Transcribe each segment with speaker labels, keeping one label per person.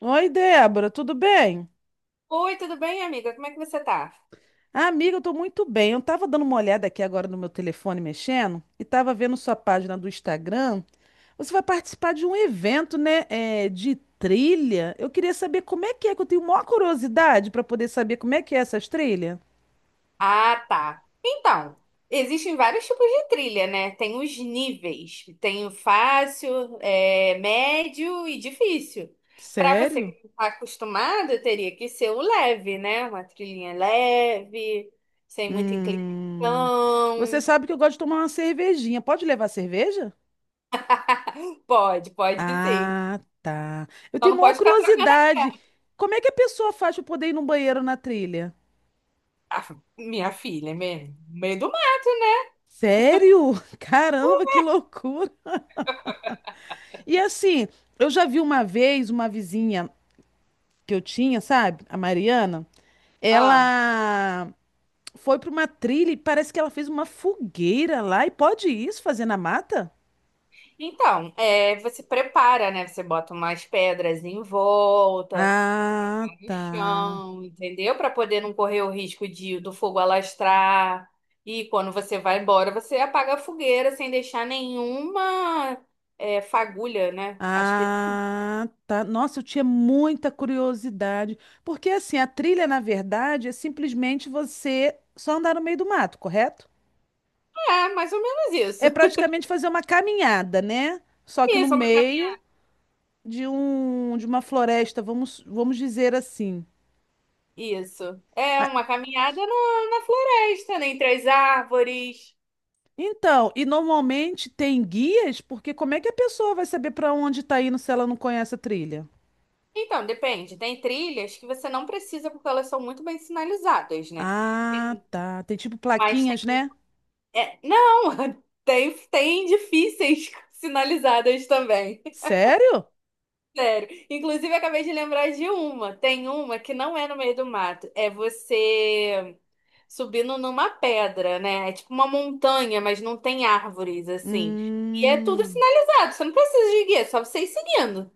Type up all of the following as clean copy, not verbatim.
Speaker 1: Oi, Débora, tudo bem?
Speaker 2: Oi, tudo bem, amiga? Como é que você tá?
Speaker 1: Ah, amiga, eu tô muito bem. Eu tava dando uma olhada aqui agora no meu telefone mexendo e tava vendo sua página do Instagram. Você vai participar de um evento, né, de trilha. Eu queria saber como é, que eu tenho maior curiosidade para poder saber como é que é essas trilhas.
Speaker 2: Ah, tá. Então, existem vários tipos de trilha, né? Tem os níveis. Tem o fácil, médio e difícil. Para você que
Speaker 1: Sério?
Speaker 2: não está acostumado, teria que ser o leve, né? Uma trilhinha leve, sem muita
Speaker 1: Hum. Você
Speaker 2: inclinação.
Speaker 1: sabe que eu gosto de tomar uma cervejinha. Pode levar cerveja?
Speaker 2: Pode, pode sim.
Speaker 1: Ah, tá. Eu
Speaker 2: Só
Speaker 1: tenho
Speaker 2: não
Speaker 1: maior
Speaker 2: pode ficar trocando as
Speaker 1: curiosidade.
Speaker 2: pernas.
Speaker 1: Como é que a pessoa faz para poder ir no banheiro na trilha?
Speaker 2: Ah, minha filha, mesmo. Meio do mato, né?
Speaker 1: Sério? Caramba, que loucura! E assim, eu já vi uma vez uma vizinha que eu tinha, sabe? A Mariana.
Speaker 2: Ah,
Speaker 1: Ela foi para uma trilha e parece que ela fez uma fogueira lá. E pode isso fazer na mata?
Speaker 2: então, você prepara, né? Você bota umas pedras em volta,
Speaker 1: Ah,
Speaker 2: no
Speaker 1: tá.
Speaker 2: chão, entendeu? Para poder não correr o risco de do fogo alastrar. E quando você vai embora, você apaga a fogueira sem deixar nenhuma fagulha, né? Acho que
Speaker 1: Ah, tá. Nossa, eu tinha muita curiosidade. Porque assim, a trilha, na verdade, é simplesmente você só andar no meio do mato, correto?
Speaker 2: é mais ou menos isso.
Speaker 1: É praticamente fazer uma caminhada, né? Só que no
Speaker 2: Isso, é uma
Speaker 1: meio
Speaker 2: caminhada.
Speaker 1: de um de uma floresta, vamos dizer assim.
Speaker 2: Isso. É
Speaker 1: Ah,
Speaker 2: uma caminhada na floresta, né? Entre as árvores.
Speaker 1: então, e normalmente tem guias, porque como é que a pessoa vai saber para onde tá indo se ela não conhece a trilha?
Speaker 2: Então, depende. Tem trilhas que você não precisa porque elas são muito bem sinalizadas, né?
Speaker 1: Ah,
Speaker 2: Tem
Speaker 1: tá. Tem tipo
Speaker 2: Mas tem.
Speaker 1: plaquinhas, né?
Speaker 2: Não, tem difíceis sinalizadas também.
Speaker 1: Sério?
Speaker 2: Sério. Inclusive, eu acabei de lembrar de uma. Tem uma que não é no meio do mato. É você subindo numa pedra, né? É tipo uma montanha, mas não tem árvores, assim. E é tudo
Speaker 1: Hum,
Speaker 2: sinalizado. Você não precisa de guia, é só você ir seguindo.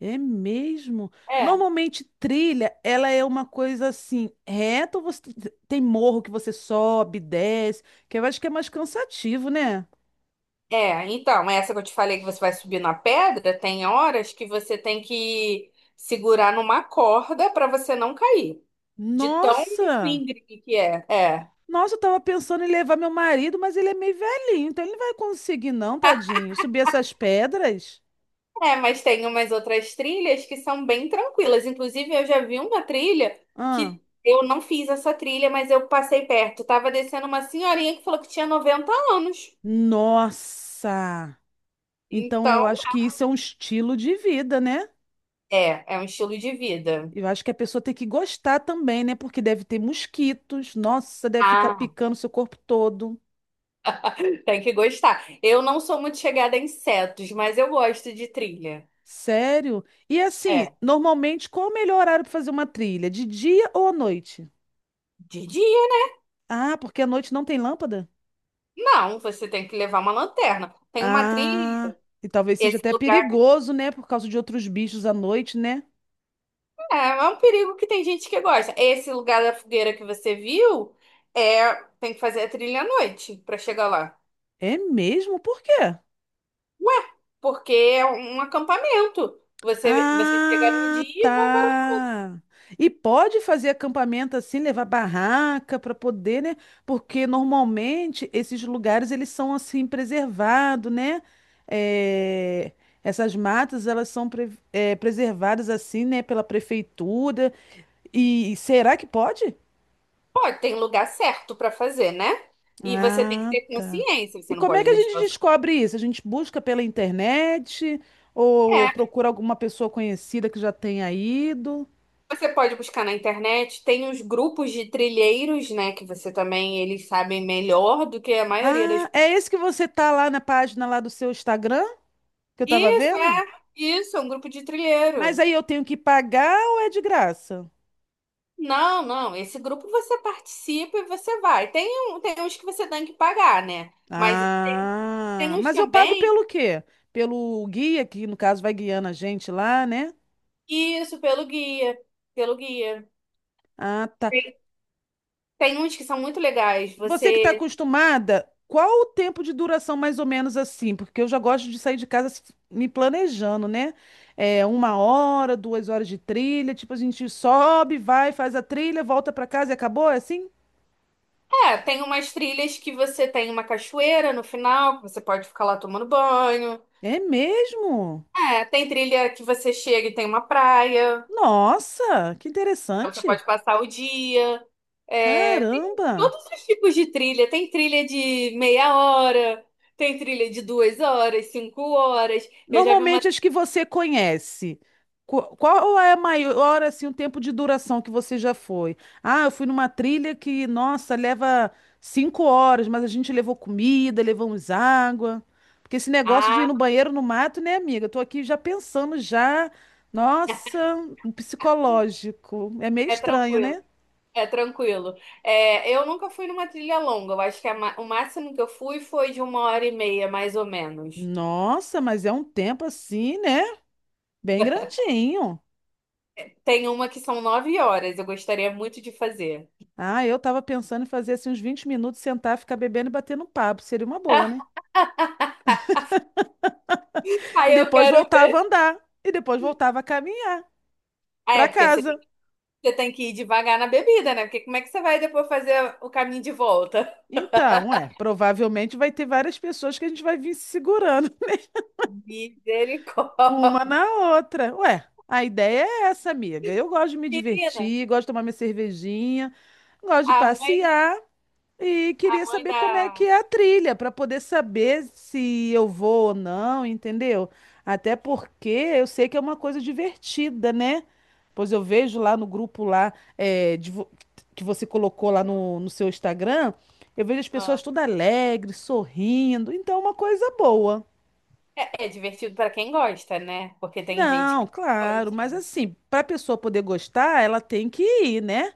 Speaker 1: é mesmo.
Speaker 2: É.
Speaker 1: Normalmente trilha, ela é uma coisa assim, reta ou você tem morro que você sobe, desce, que eu acho que é mais cansativo, né?
Speaker 2: É, então, é essa que eu te falei que você vai subir na pedra, tem horas que você tem que segurar numa corda para você não cair. De tão
Speaker 1: Nossa!
Speaker 2: íngreme que é. É.
Speaker 1: Nossa, eu tava pensando em levar meu marido, mas ele é meio velhinho, então ele não vai conseguir, não, tadinho. Subir essas pedras?
Speaker 2: É, mas tem umas outras trilhas que são bem tranquilas. Inclusive, eu já vi uma trilha
Speaker 1: Ah,
Speaker 2: que eu não fiz essa trilha, mas eu passei perto. Tava descendo uma senhorinha que falou que tinha 90 anos.
Speaker 1: nossa! Então
Speaker 2: Então,
Speaker 1: eu acho que isso é um estilo de vida, né?
Speaker 2: é um estilo de vida.
Speaker 1: Eu acho que a pessoa tem que gostar também, né? Porque deve ter mosquitos. Nossa, deve ficar
Speaker 2: Ah.
Speaker 1: picando seu corpo todo.
Speaker 2: Tem que gostar. Eu não sou muito chegada a insetos, mas eu gosto de trilha.
Speaker 1: Sério? E assim,
Speaker 2: É,
Speaker 1: normalmente, qual o melhor horário para fazer uma trilha? De dia ou à noite?
Speaker 2: de dia.
Speaker 1: Ah, porque à noite não tem lâmpada?
Speaker 2: Não, você tem que levar uma lanterna. Tem uma
Speaker 1: Ah,
Speaker 2: trilha,
Speaker 1: e talvez seja
Speaker 2: esse
Speaker 1: até
Speaker 2: lugar.
Speaker 1: perigoso, né? Por causa de outros bichos à noite, né?
Speaker 2: É um perigo que tem gente que gosta. Esse lugar da fogueira que você viu, é, tem que fazer a trilha à noite para chegar lá.
Speaker 1: É mesmo? Por quê?
Speaker 2: Ué, porque é um acampamento. Você chega no
Speaker 1: Ah,
Speaker 2: dia e vai para...
Speaker 1: tá. E pode fazer acampamento assim, levar barraca para poder, né? Porque normalmente esses lugares eles são assim preservados, né? É, essas matas elas são preservadas assim, né? Pela prefeitura. E será que pode?
Speaker 2: Pô, tem lugar certo para fazer, né? E você tem que
Speaker 1: Ah,
Speaker 2: ter
Speaker 1: tá.
Speaker 2: consciência, você
Speaker 1: E
Speaker 2: não
Speaker 1: como é
Speaker 2: pode
Speaker 1: que a gente
Speaker 2: deixar o seu-
Speaker 1: descobre isso? A gente busca pela internet ou
Speaker 2: É,
Speaker 1: procura alguma pessoa conhecida que já tenha ido?
Speaker 2: você pode buscar na internet, tem os grupos de trilheiros, né, que você também, eles sabem melhor do que a maioria das...
Speaker 1: Ah, é esse que você tá lá na página lá do seu Instagram que eu tava
Speaker 2: Isso,
Speaker 1: vendo?
Speaker 2: é, isso, é um grupo de
Speaker 1: Mas
Speaker 2: trilheiro.
Speaker 1: aí eu tenho que pagar ou é de graça?
Speaker 2: Não, não. Esse grupo você participa e você vai. Tem uns que você tem que pagar, né? Mas tem
Speaker 1: Ah,
Speaker 2: uns
Speaker 1: mas eu pago
Speaker 2: também,
Speaker 1: pelo quê? Pelo guia que no caso vai guiando a gente lá, né?
Speaker 2: que isso, pelo guia. Pelo guia.
Speaker 1: Ah, tá.
Speaker 2: Tem, tem uns que são muito legais.
Speaker 1: Você que está
Speaker 2: Você.
Speaker 1: acostumada, qual o tempo de duração mais ou menos assim? Porque eu já gosto de sair de casa me planejando, né? É 1 hora, 2 horas de trilha, tipo, a gente sobe, vai, faz a trilha, volta para casa e acabou, é assim?
Speaker 2: É, tem umas trilhas que você tem uma cachoeira no final, que você pode ficar lá tomando banho.
Speaker 1: É mesmo?
Speaker 2: É, tem trilha que você chega e tem uma praia.
Speaker 1: Nossa, que
Speaker 2: Então, você
Speaker 1: interessante!
Speaker 2: pode passar o dia. É, tem
Speaker 1: Caramba!
Speaker 2: todos os tipos de trilha. Tem trilha de meia hora, tem trilha de 2 horas, 5 horas. Eu já vi uma.
Speaker 1: Normalmente as que você conhece. Qual é a maior, assim, o tempo de duração que você já foi? Ah, eu fui numa trilha que, nossa, leva 5 horas, mas a gente levou comida, levamos água. Porque esse negócio de ir
Speaker 2: Ah,
Speaker 1: no banheiro no mato, né, amiga? Eu tô aqui já pensando já, nossa, um psicológico. É meio
Speaker 2: é
Speaker 1: estranho,
Speaker 2: tranquilo.
Speaker 1: né?
Speaker 2: É tranquilo. É, eu nunca fui numa trilha longa. Eu acho que o máximo que eu fui foi de uma hora e meia, mais ou menos.
Speaker 1: Nossa, mas é um tempo assim, né? Bem grandinho.
Speaker 2: Tem uma que são 9 horas. Eu gostaria muito de fazer.
Speaker 1: Ah, eu tava pensando em fazer assim uns 20 minutos, sentar, ficar bebendo e batendo um papo. Seria uma boa, né? E
Speaker 2: Aí eu
Speaker 1: depois
Speaker 2: quero
Speaker 1: voltava a
Speaker 2: ver.
Speaker 1: andar. E depois voltava a caminhar
Speaker 2: Ah,
Speaker 1: pra
Speaker 2: é, porque
Speaker 1: casa.
Speaker 2: você tem que ir devagar na bebida, né? Porque como é que você vai depois fazer o caminho de volta?
Speaker 1: Então, é, provavelmente vai ter várias pessoas que a gente vai vir se segurando uma
Speaker 2: Misericórdia.
Speaker 1: na outra. Ué, a ideia é essa, amiga. Eu gosto de me
Speaker 2: Menina,
Speaker 1: divertir, gosto de tomar minha cervejinha, gosto de
Speaker 2: a mãe,
Speaker 1: passear. E
Speaker 2: a
Speaker 1: queria
Speaker 2: mãe
Speaker 1: saber como é que
Speaker 2: da.
Speaker 1: é a trilha, para poder saber se eu vou ou não, entendeu? Até porque eu sei que é uma coisa divertida, né? Pois eu vejo lá no grupo lá que você colocou lá no seu Instagram, eu vejo as
Speaker 2: Ah,
Speaker 1: pessoas todas alegres, sorrindo, então é uma coisa boa.
Speaker 2: É divertido para quem gosta, né? Porque tem gente
Speaker 1: Não,
Speaker 2: que não
Speaker 1: claro,
Speaker 2: gosta.
Speaker 1: mas assim, para a pessoa poder gostar, ela tem que ir, né?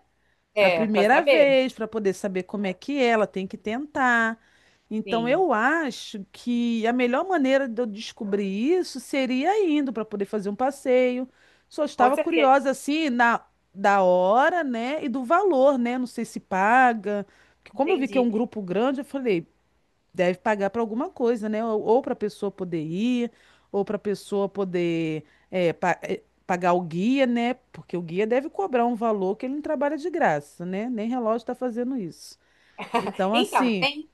Speaker 1: A
Speaker 2: É, para
Speaker 1: primeira
Speaker 2: saber.
Speaker 1: vez para poder saber como é que é, ela tem que tentar. Então
Speaker 2: Sim,
Speaker 1: eu acho que a melhor maneira de eu descobrir isso seria indo para poder fazer um passeio. Só
Speaker 2: com
Speaker 1: estava
Speaker 2: certeza,
Speaker 1: curiosa assim na da hora, né, e do valor, né? Não sei se paga. Porque como eu vi que é
Speaker 2: entendi.
Speaker 1: um grupo grande, eu falei, deve pagar para alguma coisa, né? Ou para a pessoa poder ir, ou para a pessoa poder pagar o guia, né? Porque o guia deve cobrar um valor que ele não trabalha de graça, né? Nem relógio está fazendo isso. Então,
Speaker 2: Então,
Speaker 1: assim,
Speaker 2: tem,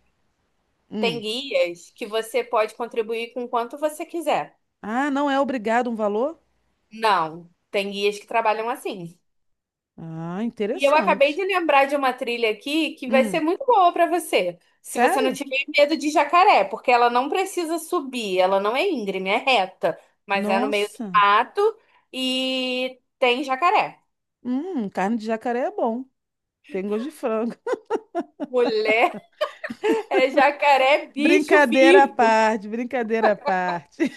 Speaker 2: tem
Speaker 1: hum.
Speaker 2: guias que você pode contribuir com quanto você quiser.
Speaker 1: Ah, não é obrigado um valor?
Speaker 2: Não, tem guias que trabalham assim.
Speaker 1: Ah,
Speaker 2: E eu acabei
Speaker 1: interessante.
Speaker 2: de lembrar de uma trilha aqui que vai ser
Speaker 1: Hum,
Speaker 2: muito boa para você, se você não
Speaker 1: sério?
Speaker 2: tiver medo de jacaré, porque ela não precisa subir, ela não é íngreme, é reta, mas é no meio do
Speaker 1: Nossa.
Speaker 2: mato e tem jacaré.
Speaker 1: Carne de jacaré é bom. Tem gosto de frango.
Speaker 2: Mulher é jacaré bicho
Speaker 1: Brincadeira à
Speaker 2: vivo.
Speaker 1: parte, brincadeira à parte.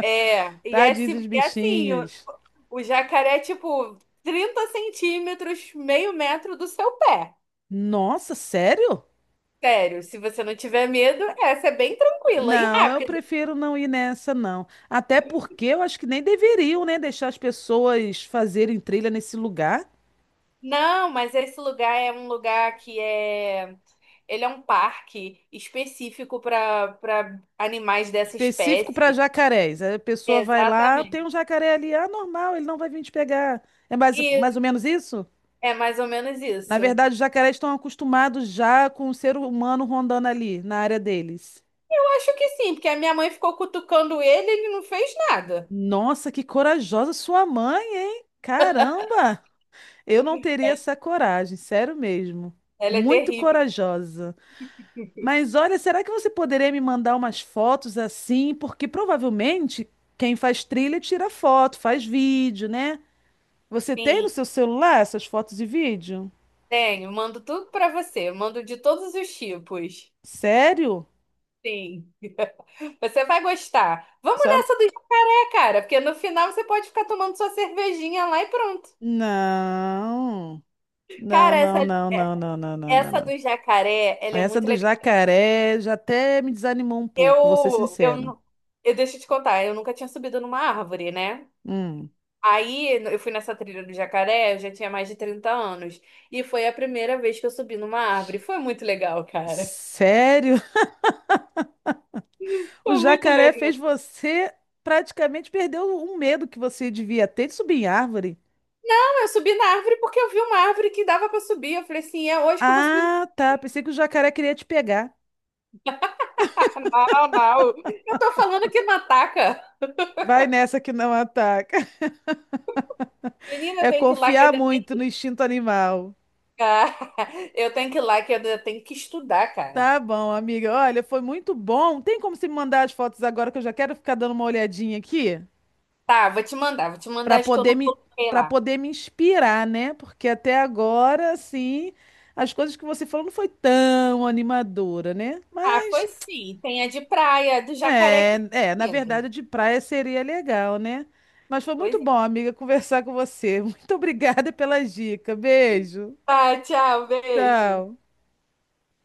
Speaker 2: É, e é,
Speaker 1: Tadinho
Speaker 2: assim,
Speaker 1: dos
Speaker 2: é assim, o,
Speaker 1: bichinhos.
Speaker 2: o jacaré é tipo 30 centímetros, meio metro do seu pé.
Speaker 1: Nossa, sério?
Speaker 2: Sério, se você não tiver medo, essa é bem tranquila e
Speaker 1: Não, eu
Speaker 2: rápida.
Speaker 1: prefiro não ir nessa, não. Até porque eu acho que nem deveriam, né, deixar as pessoas fazerem trilha nesse lugar
Speaker 2: Não, mas esse lugar é um lugar que é. Ele é um parque específico para animais dessa
Speaker 1: específico para
Speaker 2: espécie.
Speaker 1: jacarés. Aí a pessoa vai lá, tem um
Speaker 2: Exatamente.
Speaker 1: jacaré ali, ah, normal, ele não vai vir te pegar. É mais,
Speaker 2: E
Speaker 1: mais ou menos isso?
Speaker 2: é mais ou menos
Speaker 1: Na
Speaker 2: isso. Eu
Speaker 1: verdade, os jacarés estão acostumados já com o ser humano rondando ali, na área deles.
Speaker 2: acho que sim, porque a minha mãe ficou cutucando ele e ele não fez nada.
Speaker 1: Nossa, que corajosa sua mãe, hein? Caramba! Eu não teria
Speaker 2: É,
Speaker 1: essa coragem, sério mesmo.
Speaker 2: ela é
Speaker 1: Muito
Speaker 2: terrível.
Speaker 1: corajosa. Mas olha, será que você poderia me mandar umas fotos assim? Porque provavelmente quem faz trilha tira foto, faz vídeo, né? Você tem no
Speaker 2: Sim,
Speaker 1: seu celular essas fotos e vídeo?
Speaker 2: tenho. Mando tudo para você. Mando de todos os tipos.
Speaker 1: Sério?
Speaker 2: Sim. Você vai gostar. Vamos
Speaker 1: Só...
Speaker 2: nessa do dia, cara, porque no final você pode ficar tomando sua cervejinha lá e pronto.
Speaker 1: Não. Não,
Speaker 2: Cara, essa.
Speaker 1: não, não, não, não, não, não, não,
Speaker 2: Essa
Speaker 1: não.
Speaker 2: do jacaré, ela é
Speaker 1: Essa
Speaker 2: muito
Speaker 1: do
Speaker 2: legal.
Speaker 1: jacaré já até me desanimou um pouco, vou ser
Speaker 2: Eu, eu,
Speaker 1: sincera.
Speaker 2: nu- eu deixo te contar, eu nunca tinha subido numa árvore, né?
Speaker 1: Hum.
Speaker 2: Aí eu fui nessa trilha do jacaré, eu já tinha mais de 30 anos. E foi a primeira vez que eu subi numa árvore. Foi muito legal, cara.
Speaker 1: Sério? O
Speaker 2: Foi muito
Speaker 1: jacaré
Speaker 2: legal.
Speaker 1: fez você praticamente perder o medo que você devia ter de subir em árvore.
Speaker 2: Não, eu subi na árvore porque eu vi uma árvore que dava pra subir. Eu falei assim, é hoje que eu vou subir.
Speaker 1: Ah, tá. Pensei que o jacaré queria te pegar.
Speaker 2: Não, não. Eu tô falando que não ataca.
Speaker 1: Vai nessa que não ataca.
Speaker 2: Menina,
Speaker 1: É
Speaker 2: tem que ir lá que eu...
Speaker 1: confiar muito no instinto animal.
Speaker 2: eu tenho que ir lá que eu tenho que estudar, cara.
Speaker 1: Tá bom, amiga. Olha, foi muito bom. Tem como você me mandar as fotos agora que eu já quero ficar dando uma olhadinha aqui
Speaker 2: Tá, vou te mandar, vou te
Speaker 1: para
Speaker 2: mandar as que eu
Speaker 1: poder
Speaker 2: não
Speaker 1: me
Speaker 2: coloquei
Speaker 1: para
Speaker 2: lá.
Speaker 1: poder me inspirar, né? Porque até agora, assim, as coisas que você falou não foi tão animadora, né?
Speaker 2: Ah,
Speaker 1: Mas
Speaker 2: foi sim. Tem a de praia, do Jacaré
Speaker 1: é, é, na
Speaker 2: Carandiru.
Speaker 1: verdade, de praia seria legal, né? Mas foi
Speaker 2: Pois
Speaker 1: muito
Speaker 2: é.
Speaker 1: bom, amiga, conversar com você. Muito obrigada pelas dicas. Beijo.
Speaker 2: Tá, tchau, beijo.
Speaker 1: Tchau.